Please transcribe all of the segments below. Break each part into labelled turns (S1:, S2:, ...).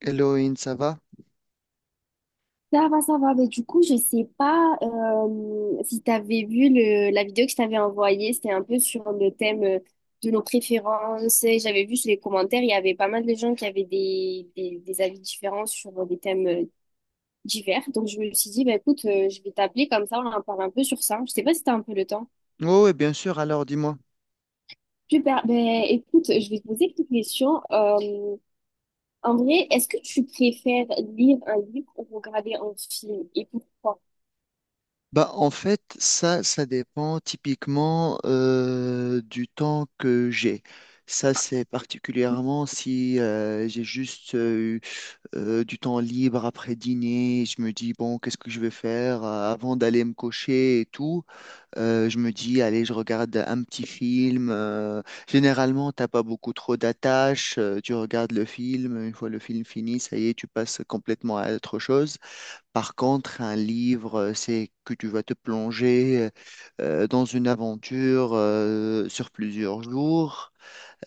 S1: Elohim, ça va?
S2: Ça va, ça va. Mais du coup, je sais pas si tu avais vu la vidéo que je t'avais envoyée. C'était un peu sur le thème de nos préférences. J'avais vu sur les commentaires, il y avait pas mal de gens qui avaient des avis différents sur des thèmes divers. Donc, je me suis dit, bah, écoute, je vais t'appeler comme ça, on en parle un peu sur ça. Je sais pas si tu as un peu le temps.
S1: Oh oui, bien sûr. Alors, dis-moi.
S2: Super. Ben, écoute, je vais te poser quelques questions. En vrai, est-ce que tu préfères lire un livre ou regarder un film, et pourquoi?
S1: Bah, en fait, ça dépend typiquement du temps que j'ai. Ça, c'est particulièrement si j'ai juste eu, du temps libre après dîner. Je me dis, bon, qu'est-ce que je vais faire avant d'aller me coucher et tout. Je me dis, allez, je regarde un petit film. Généralement, t'as pas beaucoup trop d'attaches. Tu regardes le film. Une fois le film fini, ça y est, tu passes complètement à autre chose. Par contre, un livre, c'est que tu vas te plonger dans une aventure sur plusieurs jours.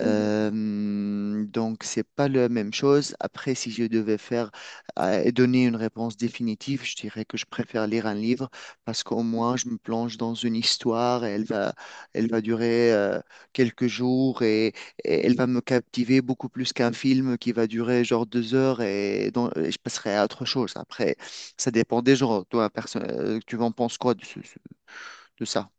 S1: Euh, donc, c'est pas la même chose. Après, si je devais faire et donner une réponse définitive, je dirais que je préfère lire un livre parce qu'au moins, je me plonge dans une histoire et elle va durer quelques jours et elle va me captiver beaucoup plus qu'un film qui va durer genre 2 heures et, dont- et je passerai à autre chose. Après, ça dépend des gens. Toi, tu en penses quoi de, de ça?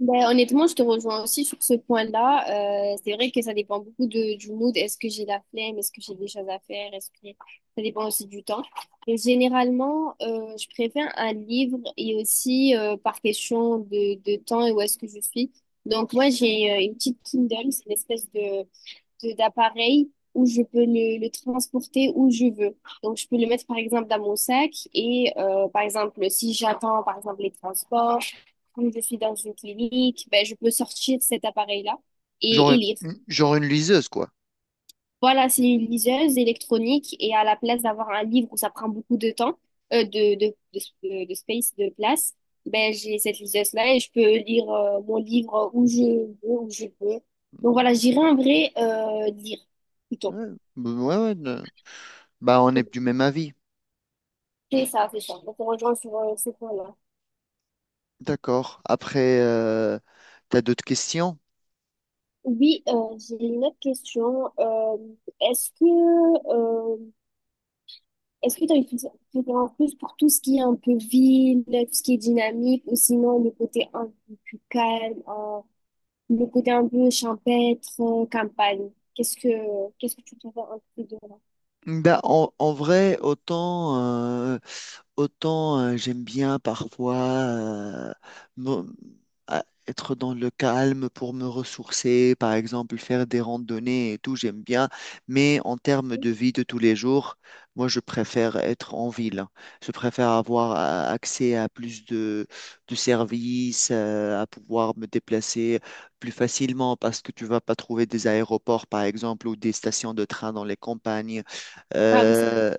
S2: Ben, honnêtement, je te rejoins aussi sur ce point-là. C'est vrai que ça dépend beaucoup du mood. Est-ce que j'ai la flemme? Est-ce que j'ai des choses à faire? Est-ce que ça dépend aussi du temps. Et généralement, je préfère un livre, et aussi par question de temps et où est-ce que je suis. Donc moi, j'ai une petite Kindle, c'est une espèce de d'appareil où je peux le transporter où je veux. Donc, je peux le mettre, par exemple, dans mon sac et, par exemple, si j'attends, par exemple, les transports ou je suis dans une clinique, ben, je peux sortir cet appareil-là
S1: Genre
S2: et lire.
S1: genre une liseuse, quoi.
S2: Voilà, c'est une liseuse électronique, et à la place d'avoir un livre où ça prend beaucoup de temps, de space, de place, ben, j'ai cette liseuse-là et je peux lire, mon livre où je veux, où je peux. Donc voilà, j'irai en vrai, lire plutôt.
S1: Ouais, ouais, ouais. Bah, on est du même avis.
S2: C'est ça, c'est ça. On se rejoint sur ce point-là.
S1: D'accord. Après, t'as d'autres questions?
S2: Oui, j'ai une autre question. Est-ce que euh, est-ce que tu as une préférence plus pour tout ce qui est un peu ville, tout ce qui est dynamique, ou sinon le côté un peu plus calme, le côté un peu champêtre, campagne? Qu'est-ce que tu préfères un peu de là?
S1: Bah, en vrai, autant euh, Autant j'aime bien parfois me- être dans le calme pour me ressourcer, par exemple faire des randonnées et tout, j'aime bien. Mais en termes de vie de tous les jours, moi je préfère être en ville. Je préfère avoir accès à plus de services, à pouvoir me déplacer plus facilement parce que tu vas pas trouver des aéroports, par exemple, ou des stations de train dans les campagnes.
S2: Ah oui, c'est bon.
S1: Euh,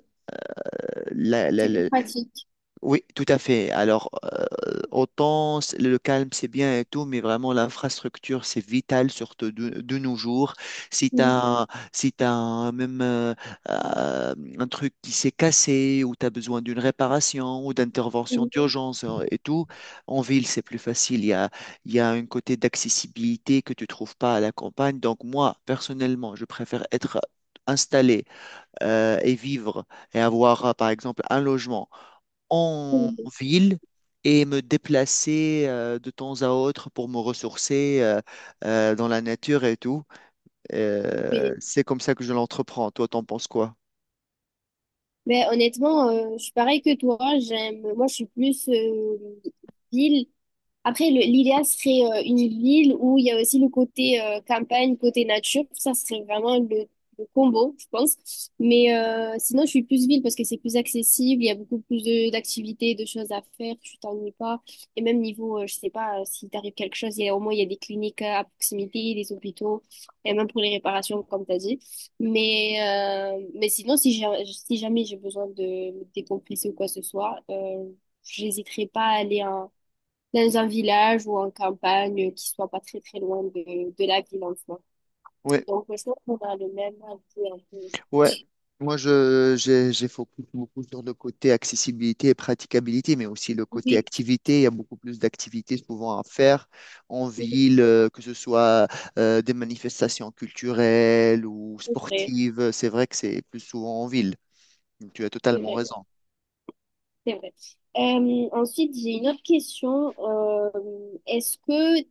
S1: la- la-
S2: C'est plus
S1: la-
S2: pratique.
S1: oui, tout à fait. Alors, autant le calme, c'est bien et tout, mais vraiment l'infrastructure, c'est vital, surtout de nos jours. Si tu
S2: Mhm.
S1: as, si t'as même euh, un truc qui s'est cassé ou tu as besoin d'une réparation ou d'intervention
S2: Mhm.
S1: d'urgence et tout, en ville, c'est plus facile. Il y a un côté d'accessibilité que tu trouves pas à la campagne. Donc, moi, personnellement, je préfère être installé et vivre et avoir, par exemple, un logement en
S2: Mhm.
S1: ville et me déplacer de temps à autre pour me ressourcer dans la nature et tout.
S2: Oui.
S1: C'est comme ça que je l'entreprends. Toi, t'en penses quoi?
S2: Mais honnêtement, je suis pareil que toi. J'aime, moi, je suis plus ville. Après, l'idéal serait une ville où il y a aussi le côté campagne, côté nature. Ça serait vraiment le combo, je pense. Mais sinon, je suis plus ville parce que c'est plus accessible. Il y a beaucoup plus d'activités, de choses à faire. Tu t'ennuies pas. Et même niveau, je sais pas, s'il t'arrive quelque chose, il y a, au moins il y a des cliniques à proximité, des hôpitaux, et même pour les réparations, comme tu as dit. Mais sinon, si jamais j'ai besoin de me décompresser ou quoi que ce soit, j'hésiterai pas à aller dans un village ou en campagne qui soit pas très très loin de la ville en soi.
S1: Ouais,
S2: Donc je pense qu'on a le même avis un peu.
S1: ouais. Moi, j'ai focus beaucoup sur le côté accessibilité et praticabilité, mais aussi le côté
S2: Oui,
S1: activité. Il y a beaucoup plus d'activités souvent à faire en
S2: c'est
S1: ville, que ce soit des manifestations culturelles ou
S2: vrai,
S1: sportives. C'est vrai que c'est plus souvent en ville. Tu as
S2: c'est
S1: totalement
S2: vrai,
S1: raison.
S2: c'est vrai. Ensuite, j'ai une autre question. Est-ce que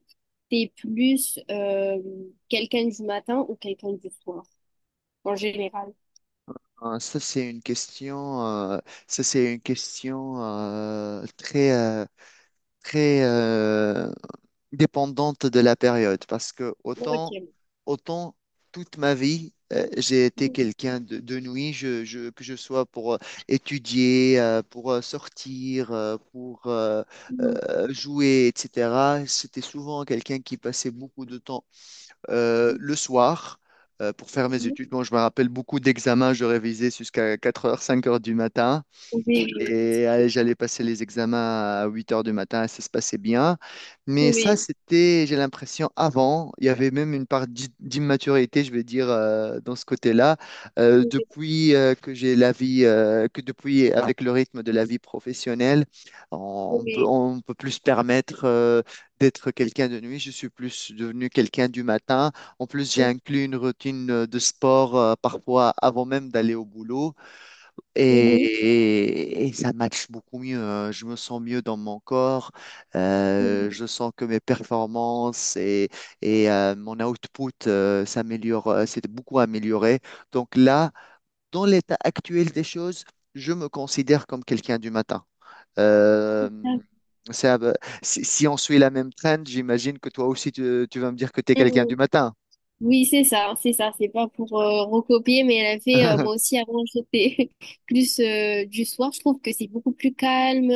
S2: t'es plus quelqu'un du matin ou quelqu'un du soir en général?
S1: Ah, ça, c'est une question, très, très dépendante de la période parce que autant,
S2: Ok.
S1: autant toute ma vie, j'ai été quelqu'un de nuit, que je sois pour étudier, pour sortir, pour
S2: Mhm.
S1: jouer, etc. C'était souvent quelqu'un qui passait beaucoup de temps le soir pour faire mes
S2: Mhm.
S1: études. Bon, je me rappelle beaucoup d'examens, je révisais jusqu'à 4 heures, 5 heures du matin.
S2: Oui,
S1: Et j'allais passer les examens à 8 heures du matin, ça se passait bien. Mais ça,
S2: oui,
S1: c'était, j'ai l'impression, avant, il y avait même une part d'immaturité, je vais dire, dans ce côté-là.
S2: oui,
S1: Depuis que j'ai la vie, que depuis, avec le rythme de la vie professionnelle, on peut,
S2: oui,
S1: on peut plus se permettre d'être quelqu'un de nuit. Je suis plus devenu quelqu'un du matin. En plus, j'ai
S2: oui,
S1: inclus une routine de sport parfois avant même d'aller au boulot.
S2: oui.
S1: Et ça matche beaucoup mieux. Hein. Je me sens mieux dans mon corps.
S2: Mhm.
S1: Je sens que mes performances mon output s'améliore, s'est beaucoup amélioré. Donc là, dans l'état actuel des choses, je me considère comme quelqu'un du matin. Euh, ça va- si on suit la même trend, j'imagine que toi aussi, tu vas me dire que tu es quelqu'un du
S2: Mhm.
S1: matin.
S2: Oui, c'est ça, c'est ça. C'est pas pour recopier, mais elle a fait, moi aussi, avant, j'étais plus du soir. Je trouve que c'est beaucoup plus calme.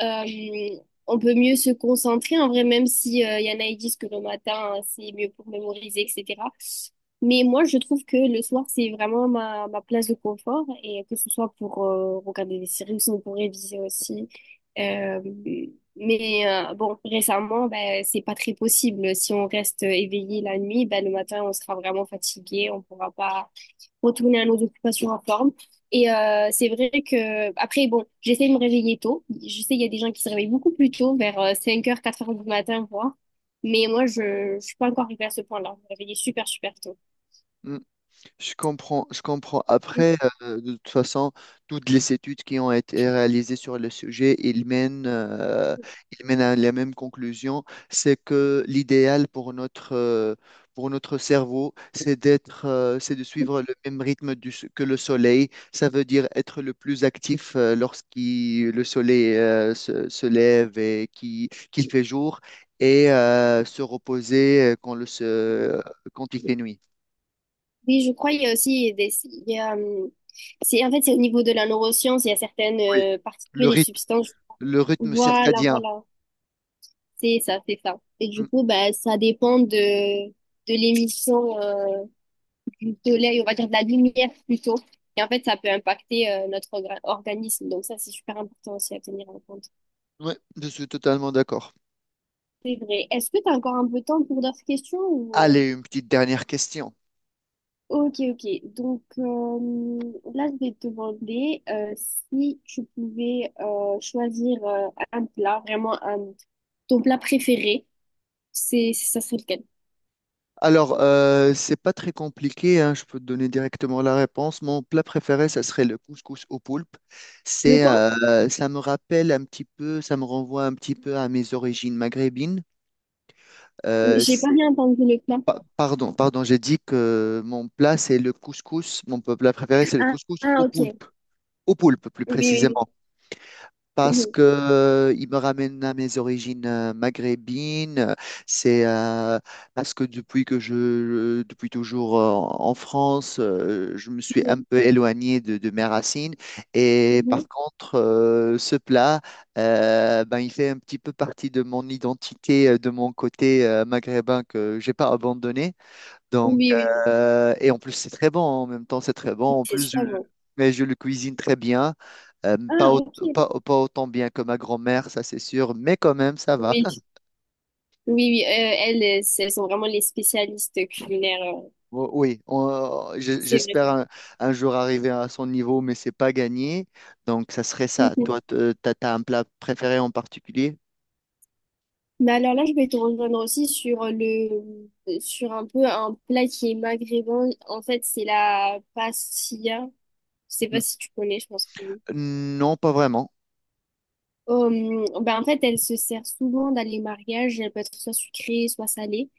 S2: Euh, on peut mieux se concentrer, en vrai, même si y en a qui disent que le matin, hein, c'est mieux pour mémoriser, etc. Mais moi, je trouve que le soir, c'est vraiment ma place de confort, et que ce soit pour regarder des séries ou sinon pour réviser aussi. Euh, mais bon, récemment, ben, c'est pas très possible. Si on reste éveillé la nuit, ben, le matin, on sera vraiment fatigué. On pourra pas retourner à nos occupations en forme. Et c'est vrai que, après, bon, j'essaie de me réveiller tôt. Je sais, il y a des gens qui se réveillent beaucoup plus tôt, vers 5 heures, 4 heures du matin, voire. Mais moi, je suis pas encore arrivée à ce point-là. Je me réveille super, super tôt.
S1: Je comprends, je comprends. Après, de toute façon, toutes les études qui ont été réalisées sur le sujet, ils mènent à la même conclusion, c'est que l'idéal pour notre cerveau, c'est de suivre le même rythme que le soleil. Ça veut dire être le plus actif lorsqu'il le soleil se lève et qu'il fait jour, et se reposer quand il fait nuit.
S2: Oui, je crois qu'il y a aussi des, il y a, c'est, en fait, c'est au niveau de la neuroscience, il y a certaines
S1: Oui, le
S2: particules et
S1: rythme
S2: substances.
S1: Le rythme
S2: Voilà,
S1: circadien.
S2: voilà. C'est ça, c'est ça. Et
S1: Mm.
S2: du coup, bah, ça dépend de l'émission du soleil, on va dire de la lumière plutôt. Et en fait, ça peut impacter notre organisme. Donc ça, c'est super important aussi à tenir en compte.
S1: Ouais, je suis totalement d'accord.
S2: C'est vrai. Est-ce que tu as encore un peu de temps pour d'autres questions, ou
S1: Allez, une petite dernière question.
S2: Ok, ok. Donc là, je vais te demander si tu pouvais choisir un plat, vraiment un… ton plat préféré, c'est, ça serait lequel?
S1: Alors, c'est pas très compliqué, hein, je peux te donner directement la réponse. Mon plat préféré, ça serait le couscous au poulpe.
S2: Le
S1: C'est,
S2: quoi?
S1: ça me rappelle un petit peu, ça me renvoie un petit peu à mes origines maghrébines. Euh,
S2: J'ai pas
S1: c'est-
S2: bien entendu le plat.
S1: Pardon, pardon, j'ai dit que mon plat, c'est le couscous. Mon plat préféré, c'est le
S2: Ah,
S1: couscous
S2: ah,
S1: au
S2: ok. Oui,
S1: poulpe. Au poulpe, plus
S2: oui,
S1: précisément.
S2: oui.
S1: Parce
S2: Mhm,
S1: que il me ramène à mes origines maghrébines. C'est Parce que depuis toujours en France, je me suis un
S2: mhm,
S1: peu éloigné de mes racines. Et
S2: mhm.
S1: par contre, ce plat, ben, il fait un petit peu partie de mon identité, de mon côté maghrébin que j'ai pas abandonné.
S2: Oui,
S1: Donc,
S2: oui, oui.
S1: et en plus, c'est très bon. En même temps, c'est très bon.
S2: Oui,
S1: En
S2: c'est
S1: plus,
S2: super bon.
S1: mais je le cuisine très bien. Pas,
S2: Ah,
S1: au-
S2: ok.
S1: pas, pas autant bien que ma grand-mère, ça c'est sûr, mais quand même, ça va.
S2: Oui, oui, oui. Euh, elles, c'est- elles sont vraiment les spécialistes culinaires. Euh.
S1: Oui,
S2: C'est vrai,
S1: j'espère
S2: c'est
S1: un,
S2: vrai.
S1: un jour arriver à son niveau, mais c'est pas gagné. Donc, ça serait ça.
S2: Mhm.
S1: Toi, t'as un plat préféré en particulier?
S2: Mais alors là, je vais te rejoindre aussi sur sur un peu un plat qui est maghrébin. En fait, c'est la pastilla. Je sais pas
S1: N-
S2: si tu connais, je pense que oui.
S1: Non, pas vraiment.
S2: Ben en fait, elle se sert souvent dans les mariages. Elle peut être soit sucrée, soit salée.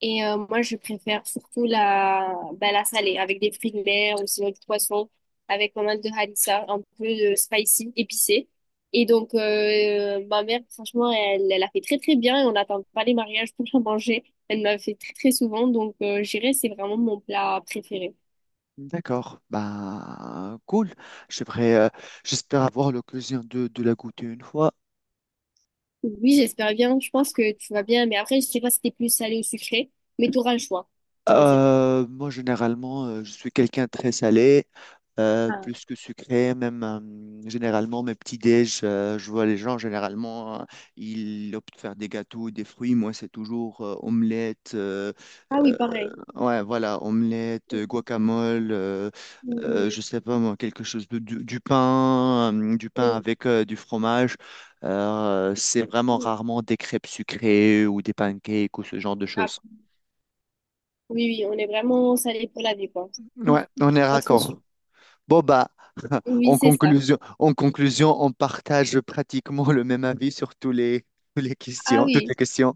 S2: Et moi, je préfère surtout bah, la salée, avec des fruits de mer ou sinon du poisson, avec pas mal de harissa, un peu de spicy, épicé. Et donc, ma mère, franchement, elle a fait très très bien et on n'attend pas les mariages pour la manger. Elle m'a fait très très souvent, donc je dirais c'est vraiment mon plat préféré.
S1: D'accord. Bah, cool. J'aimerais, euh, j'espère avoir l'occasion de la goûter une fois.
S2: Oui, j'espère bien, je pense que tu vas bien, mais après, je sais pas si t'es plus salé ou sucré, mais tu auras le choix, choisir.
S1: Moi, généralement, je suis quelqu'un de très salé,
S2: Ah.
S1: plus que sucré. Même généralement, mes petits déj, je vois les gens généralement, ils optent pour faire des gâteaux, des fruits. Moi, c'est toujours omelette,
S2: Ah oui,
S1: euh,
S2: pareil.
S1: ouais, voilà, omelette,
S2: Oui,
S1: guacamole,
S2: oui,
S1: je sais pas moi, quelque chose du pain, du pain
S2: oui.
S1: avec du fromage. C'est vraiment
S2: Mm, mm.
S1: rarement des crêpes sucrées ou des pancakes ou ce genre de
S2: Ah,
S1: choses.
S2: oui, oui, on est vraiment salé pour la vie, quoi.
S1: Ouais, on est
S2: Pas trop su-
S1: raccord. Bon, bah,
S2: Oui,
S1: en
S2: c'est ça.
S1: conclusion, en conclusion, on partage pratiquement le même avis sur tous les,
S2: Ah
S1: toutes
S2: oui,
S1: les questions.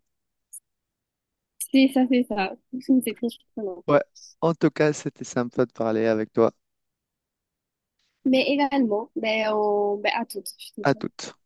S2: c'est ça, c'est ça. C'est très surprenant.
S1: Ouais, en tout cas, c'était sympa de parler avec toi.
S2: Mais également, ben, on, ben, à toutes.
S1: À toutes.